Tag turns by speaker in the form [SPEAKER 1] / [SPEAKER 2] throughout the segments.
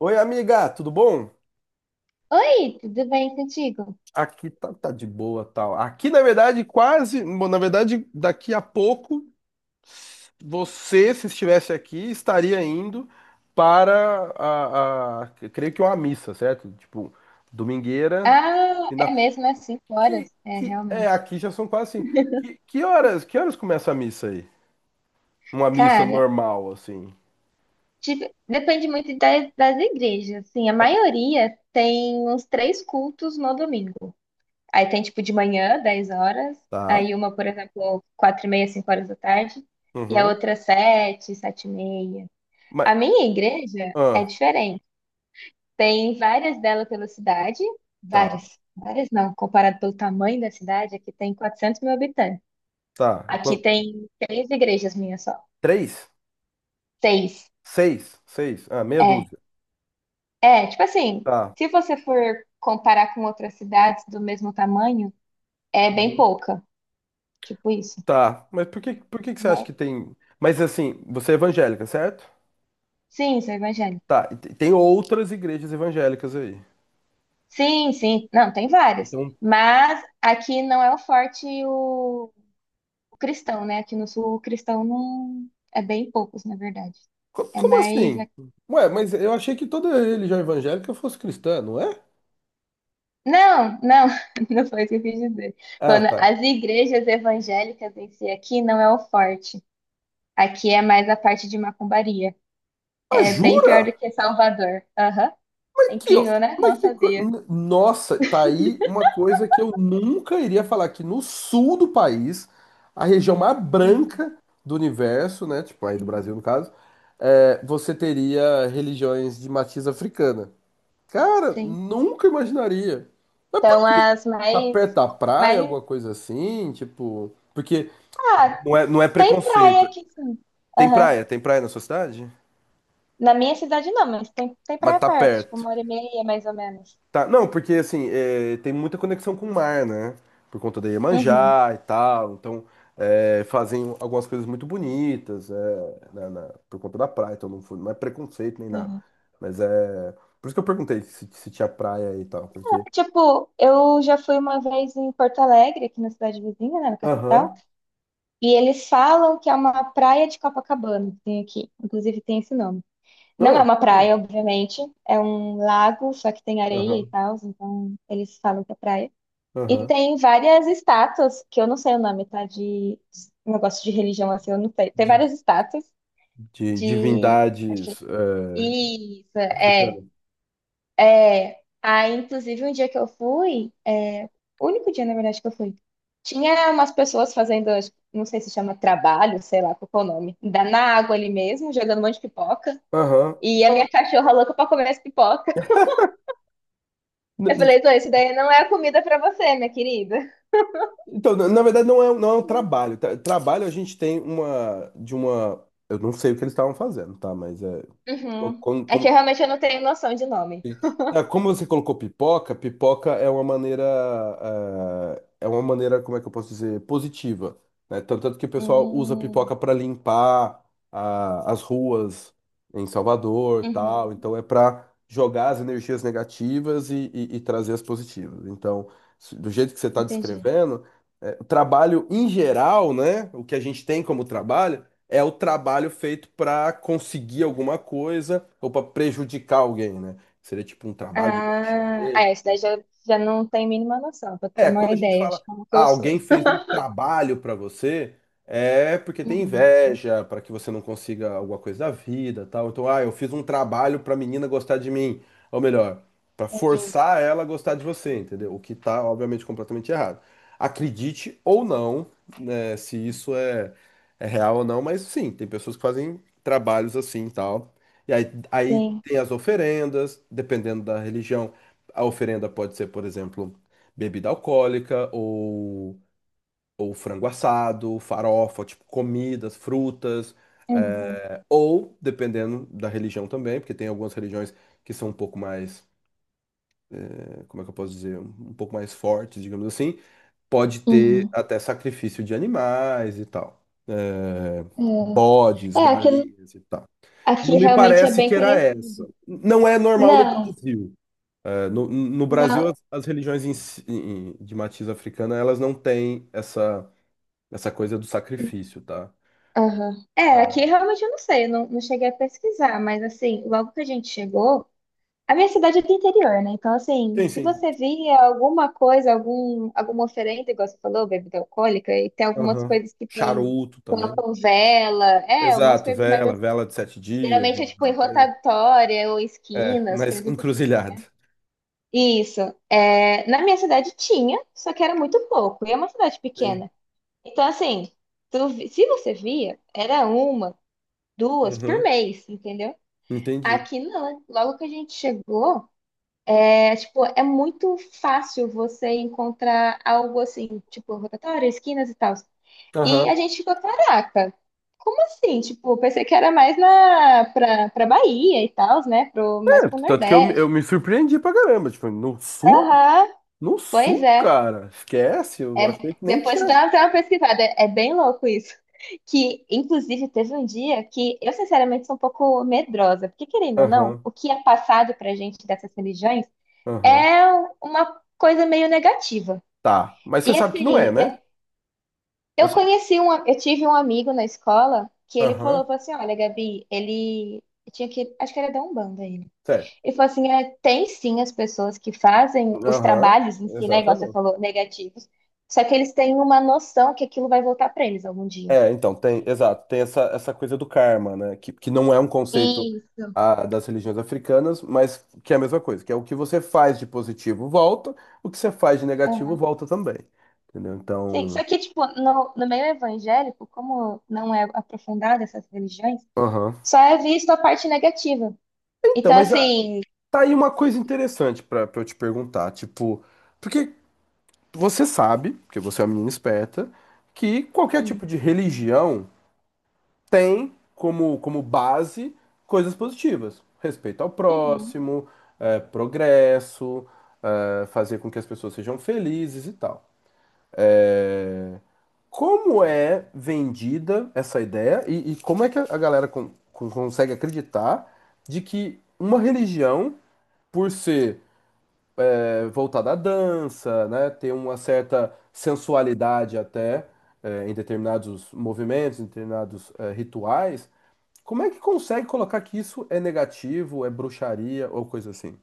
[SPEAKER 1] Oi, amiga, tudo bom?
[SPEAKER 2] Oi, tudo bem contigo?
[SPEAKER 1] Aqui tá de boa, tal. Aqui, na verdade, quase, bom, na verdade, daqui a pouco, você, se estivesse aqui, estaria indo para eu creio que uma missa, certo? Tipo, domingueira,
[SPEAKER 2] Ah, é
[SPEAKER 1] final.
[SPEAKER 2] mesmo, é cinco
[SPEAKER 1] Que,
[SPEAKER 2] horas. É,
[SPEAKER 1] que é
[SPEAKER 2] realmente.
[SPEAKER 1] aqui já são quase assim. Que horas começa a missa aí? Uma missa
[SPEAKER 2] Cara,
[SPEAKER 1] normal, assim.
[SPEAKER 2] tipo, depende muito das igrejas. Assim, a maioria tem uns três cultos no domingo. Aí tem, tipo, de manhã, 10 horas.
[SPEAKER 1] Tá.
[SPEAKER 2] Aí uma, por exemplo, 4h30, 5 horas da tarde. E a
[SPEAKER 1] Uhum.
[SPEAKER 2] outra, sete, 7h30.
[SPEAKER 1] Mas,
[SPEAKER 2] A minha igreja é
[SPEAKER 1] ah,
[SPEAKER 2] diferente. Tem várias dela pela cidade.
[SPEAKER 1] tá,
[SPEAKER 2] Várias. Várias não, comparado pelo tamanho da cidade, aqui tem 400 mil habitantes.
[SPEAKER 1] tá.
[SPEAKER 2] Aqui
[SPEAKER 1] Quan-
[SPEAKER 2] tem três igrejas minhas só.
[SPEAKER 1] Três?
[SPEAKER 2] Seis.
[SPEAKER 1] Seis? Seis? Ah, meia
[SPEAKER 2] É.
[SPEAKER 1] dúzia.
[SPEAKER 2] É, tipo assim,
[SPEAKER 1] Tá.
[SPEAKER 2] se você for comparar com outras cidades do mesmo tamanho, é bem pouca. Tipo isso,
[SPEAKER 1] Tá, mas por que que você acha que
[SPEAKER 2] né?
[SPEAKER 1] tem. Mas assim, você é evangélica, certo?
[SPEAKER 2] Sim, sou evangélica.
[SPEAKER 1] Tá, e tem outras igrejas evangélicas aí.
[SPEAKER 2] Sim, sim. Não, tem várias.
[SPEAKER 1] Então,
[SPEAKER 2] Mas aqui não é o forte o cristão, né? Aqui no sul, o cristão não. É bem poucos, na verdade. É
[SPEAKER 1] como
[SPEAKER 2] mais.
[SPEAKER 1] assim? Ué, mas eu achei que toda religião evangélica fosse cristã, não é?
[SPEAKER 2] Não, não, não foi isso que eu quis dizer.
[SPEAKER 1] Ah,
[SPEAKER 2] Quando
[SPEAKER 1] tá.
[SPEAKER 2] as igrejas evangélicas em si aqui não é o forte. Aqui é mais a parte de macumbaria.
[SPEAKER 1] Ah,
[SPEAKER 2] É bem pior do
[SPEAKER 1] jura?
[SPEAKER 2] que Salvador. Aham. É
[SPEAKER 1] Aqui, ó.
[SPEAKER 2] incrível, né? Não sabia.
[SPEAKER 1] Nossa, tá aí uma coisa que eu nunca iria falar, que no sul do país, a região mais
[SPEAKER 2] Uhum.
[SPEAKER 1] branca do universo, né? Tipo, aí do
[SPEAKER 2] Sim.
[SPEAKER 1] Brasil, no caso, é, você teria religiões de matiz africana. Cara,
[SPEAKER 2] Sim.
[SPEAKER 1] nunca imaginaria. Mas por
[SPEAKER 2] Então,
[SPEAKER 1] quê?
[SPEAKER 2] as
[SPEAKER 1] Tá
[SPEAKER 2] mais,
[SPEAKER 1] perto da praia,
[SPEAKER 2] mais.
[SPEAKER 1] alguma coisa assim? Tipo. Porque
[SPEAKER 2] Ah,
[SPEAKER 1] não é, não é
[SPEAKER 2] tem praia
[SPEAKER 1] preconceito.
[SPEAKER 2] aqui, sim. Aham.
[SPEAKER 1] Tem praia na sua cidade?
[SPEAKER 2] Na minha cidade não, mas tem
[SPEAKER 1] Mas
[SPEAKER 2] praia
[SPEAKER 1] tá
[SPEAKER 2] perto, tipo,
[SPEAKER 1] perto.
[SPEAKER 2] 1h30, mais ou menos.
[SPEAKER 1] Tá, não, porque assim, é, tem muita conexão com o mar, né? Por conta da
[SPEAKER 2] Uhum.
[SPEAKER 1] Iemanjá e tal. Então, é, fazem algumas coisas muito bonitas, é, por conta da praia. Então, não, não é preconceito nem nada.
[SPEAKER 2] Uhum.
[SPEAKER 1] Mas é. Por isso que eu perguntei se, se tinha praia e tal. Porque.
[SPEAKER 2] Tipo, eu já fui uma vez em Porto Alegre, aqui na cidade vizinha, né, na capital,
[SPEAKER 1] Aham.
[SPEAKER 2] e eles falam que é uma praia de Copacabana, que tem aqui. Inclusive tem esse nome. Não é
[SPEAKER 1] Ah,
[SPEAKER 2] uma
[SPEAKER 1] sim.
[SPEAKER 2] praia, obviamente, é um lago, só que tem areia e
[SPEAKER 1] Aham.
[SPEAKER 2] tal, então eles falam que é praia. E
[SPEAKER 1] Aham.
[SPEAKER 2] tem várias estátuas, que eu não sei o nome, tá? De negócio de religião, assim, eu não sei. Tem
[SPEAKER 1] De,
[SPEAKER 2] várias estátuas
[SPEAKER 1] de
[SPEAKER 2] de. Acho que.
[SPEAKER 1] divindades
[SPEAKER 2] Isso, é.
[SPEAKER 1] africanas.
[SPEAKER 2] É. Aí, inclusive, um dia que eu fui, é, o único dia, na verdade, que eu fui, tinha umas pessoas fazendo, não sei se chama trabalho, sei lá qual que é o nome, na água ali mesmo, jogando um monte de pipoca.
[SPEAKER 1] Aham.
[SPEAKER 2] E a minha cachorra louca pra comer as pipocas.
[SPEAKER 1] N-
[SPEAKER 2] Eu
[SPEAKER 1] n-
[SPEAKER 2] falei, então, isso daí não é a comida pra você, minha querida.
[SPEAKER 1] Então, na verdade, não é, não é um trabalho, tá? Trabalho a gente tem uma de uma. Eu não sei o que eles estavam fazendo, tá? Mas é. co-
[SPEAKER 2] Uhum.
[SPEAKER 1] Como,
[SPEAKER 2] É que eu
[SPEAKER 1] como,
[SPEAKER 2] realmente eu não tenho noção de nome.
[SPEAKER 1] Sim. Ah, como você colocou pipoca, pipoca é uma maneira, ah, é uma maneira, como é que eu posso dizer, positiva, né? Tanto, tanto que o pessoal usa
[SPEAKER 2] Hum,
[SPEAKER 1] pipoca para limpar ah, as ruas em Salvador, tal.
[SPEAKER 2] uhum,
[SPEAKER 1] Então é para jogar as energias negativas e trazer as positivas. Então, do jeito que você está
[SPEAKER 2] entendi.
[SPEAKER 1] descrevendo, é, o trabalho em geral, né? O que a gente tem como trabalho é o trabalho feito para conseguir alguma coisa ou para prejudicar alguém, né? Seria tipo um trabalho de magia
[SPEAKER 2] Ah,
[SPEAKER 1] negra.
[SPEAKER 2] é, isso daí já não tem mínima noção, pra ter
[SPEAKER 1] É, quando
[SPEAKER 2] uma
[SPEAKER 1] a gente
[SPEAKER 2] ideia
[SPEAKER 1] fala,
[SPEAKER 2] de como que
[SPEAKER 1] ah,
[SPEAKER 2] eu sou.
[SPEAKER 1] alguém fez um trabalho pra você, é porque tem
[SPEAKER 2] Uhum,
[SPEAKER 1] inveja, pra que você não consiga alguma coisa da vida, tal. Então, ah, eu fiz um trabalho pra menina gostar de mim, ou melhor, pra
[SPEAKER 2] entendi.
[SPEAKER 1] forçar ela a gostar de você, entendeu? O que tá, obviamente, completamente errado. Acredite ou não, né, se isso é, é real ou não, mas sim, tem pessoas que fazem trabalhos assim, tal. E aí, aí
[SPEAKER 2] Sim.
[SPEAKER 1] tem as oferendas, dependendo da religião. A oferenda pode ser, por exemplo, bebida alcoólica ou frango assado, farofa, tipo comidas, frutas,
[SPEAKER 2] Uhum,
[SPEAKER 1] ou dependendo da religião também, porque tem algumas religiões que são um pouco mais, como é que eu posso dizer, um pouco mais fortes, digamos assim, pode ter
[SPEAKER 2] uhum.
[SPEAKER 1] até sacrifício de animais e tal. Eh, bodes,
[SPEAKER 2] É, aqui,
[SPEAKER 1] galinhas e tal. Não
[SPEAKER 2] aqui
[SPEAKER 1] me
[SPEAKER 2] realmente é
[SPEAKER 1] parece que
[SPEAKER 2] bem
[SPEAKER 1] era
[SPEAKER 2] conhecido.
[SPEAKER 1] essa. Não é normal no
[SPEAKER 2] Não,
[SPEAKER 1] Brasil. É, no, no Brasil, as,
[SPEAKER 2] não.
[SPEAKER 1] as religiões de matiz africana, elas não têm essa, essa coisa do sacrifício, tá?
[SPEAKER 2] Aham. É, aqui realmente eu não sei, eu não cheguei a pesquisar, mas assim, logo que a gente chegou. A minha cidade é do interior, né? Então, assim,
[SPEAKER 1] Sim,
[SPEAKER 2] se
[SPEAKER 1] sim.
[SPEAKER 2] você via alguma coisa, alguma oferenda, igual você falou, bebida alcoólica, e tem algumas
[SPEAKER 1] Aham.
[SPEAKER 2] coisas que tem,
[SPEAKER 1] Charuto também.
[SPEAKER 2] colocam vela, é, umas
[SPEAKER 1] Exato,
[SPEAKER 2] coisas mais.
[SPEAKER 1] vela,
[SPEAKER 2] Assim.
[SPEAKER 1] vela de 7 dias,
[SPEAKER 2] Geralmente
[SPEAKER 1] uma
[SPEAKER 2] é tipo
[SPEAKER 1] vela
[SPEAKER 2] em
[SPEAKER 1] preta.
[SPEAKER 2] rotatória ou
[SPEAKER 1] É,
[SPEAKER 2] esquinas,
[SPEAKER 1] na
[SPEAKER 2] coisas do tipo,
[SPEAKER 1] encruzilhada.
[SPEAKER 2] né? Isso. É, na minha cidade tinha, só que era muito pouco, e é uma cidade
[SPEAKER 1] Sim.
[SPEAKER 2] pequena. Então, assim, se você via, era uma, duas por
[SPEAKER 1] Uhum,
[SPEAKER 2] mês, entendeu?
[SPEAKER 1] entendi.
[SPEAKER 2] Aqui não. Logo que a gente chegou. É, tipo, é muito fácil você encontrar algo assim, tipo, rotatória, esquinas e tal. E
[SPEAKER 1] Aham.
[SPEAKER 2] a gente ficou, caraca, como assim? Tipo, pensei que era mais pra Bahia e tal, né? Pro, mais
[SPEAKER 1] É,
[SPEAKER 2] pro
[SPEAKER 1] tanto que eu, eu
[SPEAKER 2] Nordeste.
[SPEAKER 1] me surpreendi pra caramba. Tipo, no sul?
[SPEAKER 2] Aham,
[SPEAKER 1] No
[SPEAKER 2] pois
[SPEAKER 1] sul,
[SPEAKER 2] é.
[SPEAKER 1] cara? Esquece, eu achei
[SPEAKER 2] É,
[SPEAKER 1] que nem
[SPEAKER 2] depois
[SPEAKER 1] tinha.
[SPEAKER 2] dá até uma pesquisada. É, bem louco isso. Que, inclusive, teve um dia que eu, sinceramente, sou um pouco medrosa. Porque, querendo ou não,
[SPEAKER 1] Aham,
[SPEAKER 2] o que é passado pra gente dessas religiões
[SPEAKER 1] aham.
[SPEAKER 2] é uma coisa meio negativa.
[SPEAKER 1] Tá, mas
[SPEAKER 2] E
[SPEAKER 1] você sabe que não é,
[SPEAKER 2] assim,
[SPEAKER 1] né?
[SPEAKER 2] eu
[SPEAKER 1] Você.
[SPEAKER 2] conheci um, eu tive um amigo na escola que ele falou,
[SPEAKER 1] Aham.
[SPEAKER 2] falou assim, olha, Gabi, ele tinha que, acho que era da Umbanda ele.
[SPEAKER 1] Certo.
[SPEAKER 2] Ele falou assim, é, tem sim as pessoas que fazem os
[SPEAKER 1] Aham,
[SPEAKER 2] trabalhos em si, né, igual você
[SPEAKER 1] exatamente.
[SPEAKER 2] falou, negativos, só que eles têm uma noção que aquilo vai voltar pra eles algum dia.
[SPEAKER 1] É, então, tem, exato, tem essa, essa coisa do karma, né? Que não é um conceito
[SPEAKER 2] E
[SPEAKER 1] ah, das religiões africanas, mas que é a mesma coisa, que é o que você faz de positivo volta, o que você faz de negativo
[SPEAKER 2] aham.
[SPEAKER 1] volta também. Entendeu?
[SPEAKER 2] Sim, só
[SPEAKER 1] Então.
[SPEAKER 2] que tipo, no meio evangélico, como não é aprofundada essas religiões,
[SPEAKER 1] Aham.
[SPEAKER 2] só é visto a parte negativa.
[SPEAKER 1] Então,
[SPEAKER 2] Então
[SPEAKER 1] mas ah,
[SPEAKER 2] assim,
[SPEAKER 1] tá aí uma coisa interessante pra eu te perguntar, tipo, porque você sabe, porque você é uma menina esperta, que qualquer
[SPEAKER 2] hum,
[SPEAKER 1] tipo de religião. Tem como, como base coisas positivas. Respeito ao
[SPEAKER 2] uhum,
[SPEAKER 1] próximo, progresso, fazer com que as pessoas sejam felizes e tal. Eh, como é vendida essa ideia e como é que a galera consegue acreditar de que uma religião, por ser voltada à dança, né, ter uma certa sensualidade até em determinados movimentos, em determinados rituais, como é que consegue colocar que isso é negativo, é bruxaria ou coisa assim?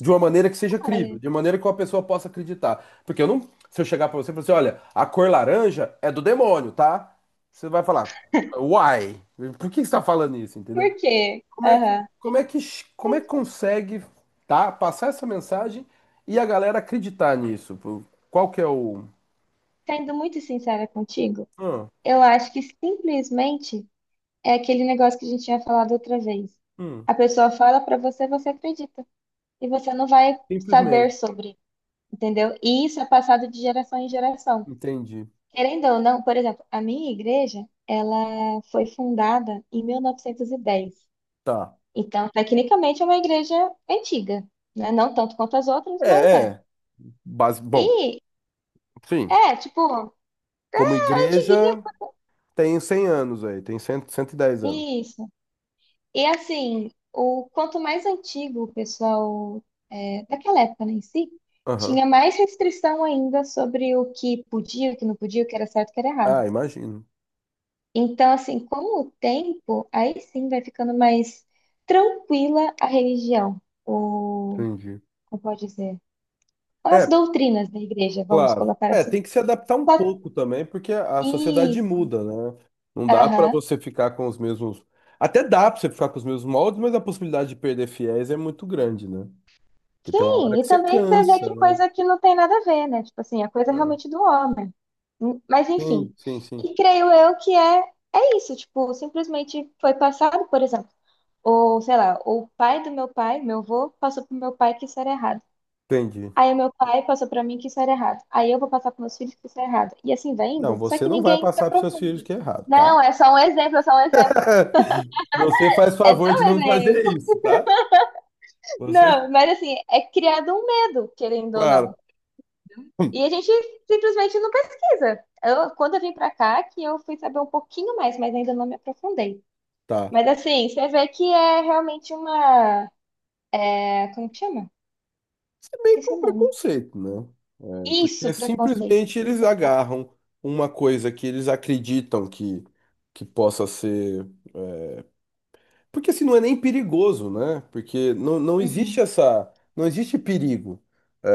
[SPEAKER 1] De uma maneira que seja crível,
[SPEAKER 2] olha,
[SPEAKER 1] de uma maneira que uma pessoa possa acreditar. Porque eu não. Se eu chegar pra você e falar assim, olha, a cor laranja é do demônio, tá? Você vai falar, why? Por que você tá falando isso,
[SPEAKER 2] por
[SPEAKER 1] entendeu?
[SPEAKER 2] quê?
[SPEAKER 1] Como é que,
[SPEAKER 2] Aham.
[SPEAKER 1] como é que, como é que consegue, tá? Passar essa mensagem e a galera acreditar nisso? Pô, qual que é o.
[SPEAKER 2] Sendo muito sincera contigo,
[SPEAKER 1] Ah,
[SPEAKER 2] eu acho que simplesmente é aquele negócio que a gente tinha falado outra vez.
[SPEAKER 1] hum,
[SPEAKER 2] A pessoa fala pra você, você acredita. E você não vai saber
[SPEAKER 1] simplesmente.
[SPEAKER 2] sobre, entendeu? E isso é passado de geração em geração.
[SPEAKER 1] Entendi.
[SPEAKER 2] Querendo ou não, por exemplo, a minha igreja, ela foi fundada em 1910.
[SPEAKER 1] Tá.
[SPEAKER 2] Então, tecnicamente, é uma igreja antiga, né? Não tanto quanto as outras, mas
[SPEAKER 1] É,
[SPEAKER 2] é.
[SPEAKER 1] é. Base... Bom,
[SPEAKER 2] E,
[SPEAKER 1] sim.
[SPEAKER 2] é, tipo,
[SPEAKER 1] Como
[SPEAKER 2] é antiguinha.
[SPEAKER 1] igreja, tem 100 anos aí, tem 100, 110 anos.
[SPEAKER 2] Isso. E assim, o quanto mais antigo o pessoal é, daquela época né, em si,
[SPEAKER 1] Aham.
[SPEAKER 2] tinha mais restrição ainda sobre o que podia, o que não podia, o que era certo, o que era errado.
[SPEAKER 1] Ah, imagino.
[SPEAKER 2] Então, assim, com o tempo, aí sim vai ficando mais tranquila a religião, ou
[SPEAKER 1] Entendi.
[SPEAKER 2] como pode dizer, as
[SPEAKER 1] É,
[SPEAKER 2] doutrinas da igreja, vamos
[SPEAKER 1] claro.
[SPEAKER 2] colocar
[SPEAKER 1] É, tem
[SPEAKER 2] assim.
[SPEAKER 1] que se adaptar um
[SPEAKER 2] Só-
[SPEAKER 1] pouco também, porque a sociedade
[SPEAKER 2] Isso,
[SPEAKER 1] muda, né? Não dá pra
[SPEAKER 2] aham.
[SPEAKER 1] você ficar com os mesmos. Até dá pra você ficar com os mesmos moldes, mas a possibilidade de perder fiéis é muito grande, né? Porque tem uma hora
[SPEAKER 2] Sim, e
[SPEAKER 1] que você
[SPEAKER 2] também você vê
[SPEAKER 1] cansa,
[SPEAKER 2] que
[SPEAKER 1] né?
[SPEAKER 2] coisa que não tem nada a ver, né? Tipo assim, a coisa é
[SPEAKER 1] É.
[SPEAKER 2] realmente do homem. Mas
[SPEAKER 1] Sim,
[SPEAKER 2] enfim.
[SPEAKER 1] sim, sim.
[SPEAKER 2] E creio eu que é isso, tipo, simplesmente foi passado, por exemplo, ou sei lá, o pai do meu pai, meu avô, passou pro meu pai que isso era errado.
[SPEAKER 1] Entendi.
[SPEAKER 2] Aí o meu pai passou pra mim que isso era errado. Aí eu vou passar pros meus filhos que isso é errado. E assim vai
[SPEAKER 1] Não,
[SPEAKER 2] indo. Só
[SPEAKER 1] você
[SPEAKER 2] que
[SPEAKER 1] não vai
[SPEAKER 2] ninguém se
[SPEAKER 1] passar pros seus filhos
[SPEAKER 2] aprofunda.
[SPEAKER 1] que é errado, tá?
[SPEAKER 2] Não, é só um exemplo, é só um exemplo.
[SPEAKER 1] Você faz
[SPEAKER 2] É só
[SPEAKER 1] favor de
[SPEAKER 2] um
[SPEAKER 1] não fazer
[SPEAKER 2] exemplo.
[SPEAKER 1] isso, tá? Você,
[SPEAKER 2] Não, mas assim, é criado um medo, querendo ou
[SPEAKER 1] claro.
[SPEAKER 2] não. E a gente simplesmente não pesquisa. Eu, quando eu vim pra cá, que eu fui saber um pouquinho mais, mas ainda não me aprofundei.
[SPEAKER 1] Tá.
[SPEAKER 2] Mas assim, você vê que é realmente uma. É, como que chama?
[SPEAKER 1] Isso é meio que
[SPEAKER 2] Esqueci o
[SPEAKER 1] um
[SPEAKER 2] nome.
[SPEAKER 1] preconceito, né?
[SPEAKER 2] Isso,
[SPEAKER 1] Porque
[SPEAKER 2] preconceito.
[SPEAKER 1] simplesmente
[SPEAKER 2] Isso
[SPEAKER 1] eles
[SPEAKER 2] que eu falo.
[SPEAKER 1] agarram uma coisa que eles acreditam que possa ser. Porque assim, não é nem perigoso, né? Porque não, não existe
[SPEAKER 2] Uhum,
[SPEAKER 1] essa. Não existe perigo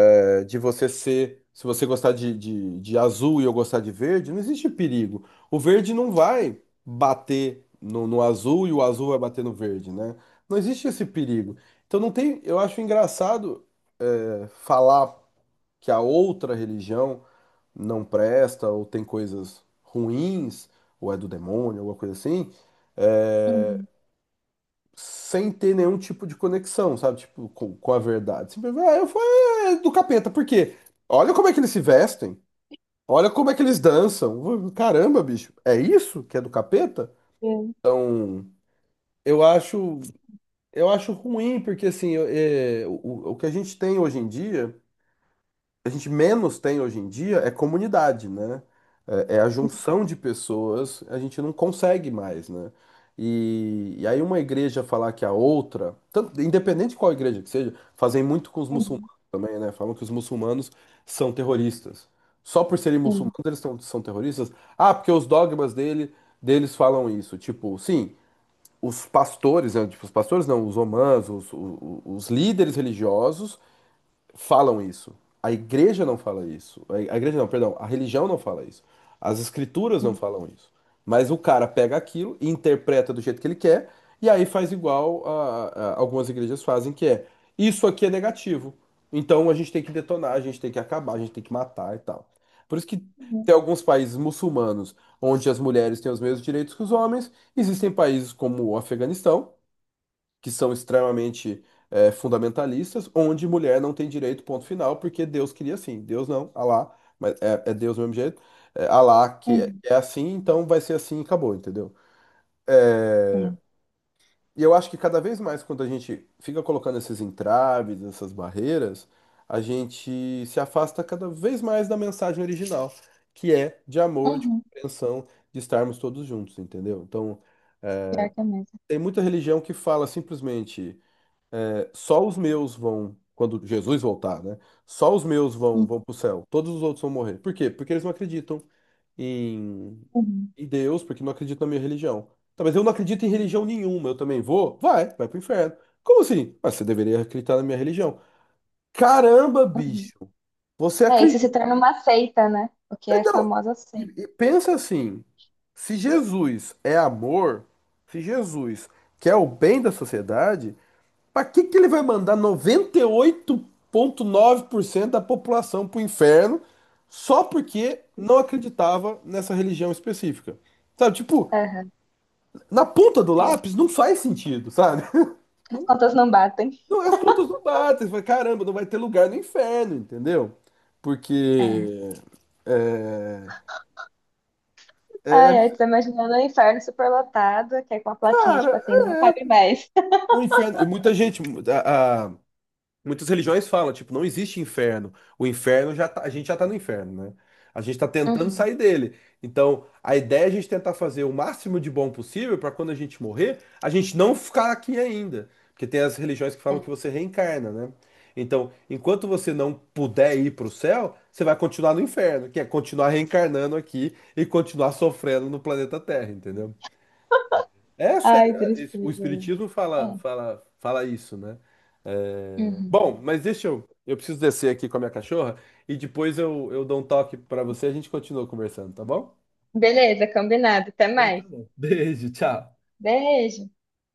[SPEAKER 1] é, de você ser. Se você gostar de azul e eu gostar de verde, não existe perigo. O verde não vai bater no azul e o azul vai bater no verde, né? Não existe esse perigo. Então não tem. Eu acho engraçado é, falar que a outra religião não presta, ou tem coisas ruins, ou é do demônio, alguma coisa assim, é,
[SPEAKER 2] uhum,
[SPEAKER 1] sem ter nenhum tipo de conexão, sabe? Tipo, com a verdade. Simplesmente, ah, eu fui do capeta, por quê? Olha como é que eles se vestem, olha como é que eles dançam. Caramba, bicho, é isso que é do capeta?
[SPEAKER 2] eu-
[SPEAKER 1] Então, eu acho, eu acho ruim, porque assim, eu- é, o que a gente tem hoje em dia. A gente menos tem hoje em dia é comunidade, né? É, é a junção de pessoas, a gente não consegue mais, né? E aí uma igreja falar que a outra, independente de qual igreja que seja, fazem muito com os
[SPEAKER 2] uhum,
[SPEAKER 1] muçulmanos também, né? Falam que os muçulmanos são terroristas. Só por serem
[SPEAKER 2] uhum,
[SPEAKER 1] muçulmanos eles são, são terroristas? Ah, porque os dogmas deles falam isso. Tipo, sim, os pastores, né? Tipo, os pastores não, os omãs, os líderes religiosos falam isso. A igreja não fala isso. A igreja não, perdão, a religião não fala isso. As escrituras não
[SPEAKER 2] uhum,
[SPEAKER 1] falam isso. Mas o cara pega aquilo e interpreta do jeito que ele quer, e aí faz igual a, algumas igrejas fazem, que é isso aqui é negativo. Então a gente tem que detonar, a gente tem que acabar, a gente tem que matar e tal. Por isso que tem alguns países muçulmanos onde as mulheres têm os mesmos direitos que os homens, existem países como o Afeganistão que são extremamente fundamentalistas, onde mulher não tem direito, ponto final, porque Deus queria assim. Deus não, Alá, mas é, é Deus do mesmo jeito. É, Alá que é,
[SPEAKER 2] uhum,
[SPEAKER 1] é assim, então vai ser assim e acabou, entendeu?
[SPEAKER 2] uhum,
[SPEAKER 1] E eu acho que cada vez mais, quando a gente fica colocando esses entraves, essas barreiras, a gente se afasta cada vez mais da mensagem original, que é de amor, de
[SPEAKER 2] uhum.
[SPEAKER 1] compreensão, de estarmos todos juntos, entendeu? Então,
[SPEAKER 2] Pior que é mesmo.
[SPEAKER 1] tem muita religião que fala simplesmente. Só os meus vão, quando Jesus voltar, né? Só os meus vão,
[SPEAKER 2] Uhum,
[SPEAKER 1] vão para o céu. Todos os outros vão morrer. Por quê? Porque eles não acreditam em,
[SPEAKER 2] uhum,
[SPEAKER 1] em Deus, porque não acreditam na minha religião. Tá, mas eu não acredito em religião nenhuma. Eu também vou? Vai, vai pro inferno. Como assim? Mas você deveria acreditar na minha religião. Caramba,
[SPEAKER 2] uhum.
[SPEAKER 1] bicho. Você
[SPEAKER 2] É, isso se
[SPEAKER 1] acredita?
[SPEAKER 2] torna uma seita, né? O que é a
[SPEAKER 1] Não.
[SPEAKER 2] famosa seita.
[SPEAKER 1] E pensa assim: se Jesus é amor, se Jesus quer o bem da sociedade. Pra que que ele vai mandar 98,9% da população pro inferno só porque não acreditava nessa religião específica? Sabe, tipo,
[SPEAKER 2] Aham,
[SPEAKER 1] na ponta do
[SPEAKER 2] é.
[SPEAKER 1] lápis não faz sentido, sabe?
[SPEAKER 2] As
[SPEAKER 1] Não,
[SPEAKER 2] contas não batem.
[SPEAKER 1] não, as contas não batem. Você fala, caramba, não vai ter lugar no inferno, entendeu?
[SPEAKER 2] É.
[SPEAKER 1] Porque. É, é,
[SPEAKER 2] Ai, ai, tô imaginando um inferno superlotado, que é com a plaquinha, tipo
[SPEAKER 1] cara,
[SPEAKER 2] assim, não cabe
[SPEAKER 1] é.
[SPEAKER 2] mais.
[SPEAKER 1] O inferno. E muita gente. A, a- Muitas religiões falam, tipo, não existe inferno. O inferno a gente já tá no inferno, né? A gente tá tentando
[SPEAKER 2] Uhum,
[SPEAKER 1] sair dele. Então, a ideia é a gente tentar fazer o máximo de bom possível para quando a gente morrer, a gente não ficar aqui ainda. Porque tem as religiões que falam
[SPEAKER 2] é.
[SPEAKER 1] que você reencarna, né? Então, enquanto você não puder ir para o céu, você vai continuar no inferno, que é continuar reencarnando aqui e continuar sofrendo no planeta Terra, entendeu? É sério,
[SPEAKER 2] Ai,
[SPEAKER 1] é, o
[SPEAKER 2] tristeza.
[SPEAKER 1] espiritismo fala,
[SPEAKER 2] É.
[SPEAKER 1] fala, fala isso, né?
[SPEAKER 2] Uhum.
[SPEAKER 1] Bom, mas deixa eu. Eu preciso descer aqui com a minha cachorra e depois eu, dou um toque pra você e a gente continua conversando, tá bom?
[SPEAKER 2] Beleza, combinado. Até
[SPEAKER 1] Então tá
[SPEAKER 2] mais.
[SPEAKER 1] bom. Beijo, tchau.
[SPEAKER 2] Beijo.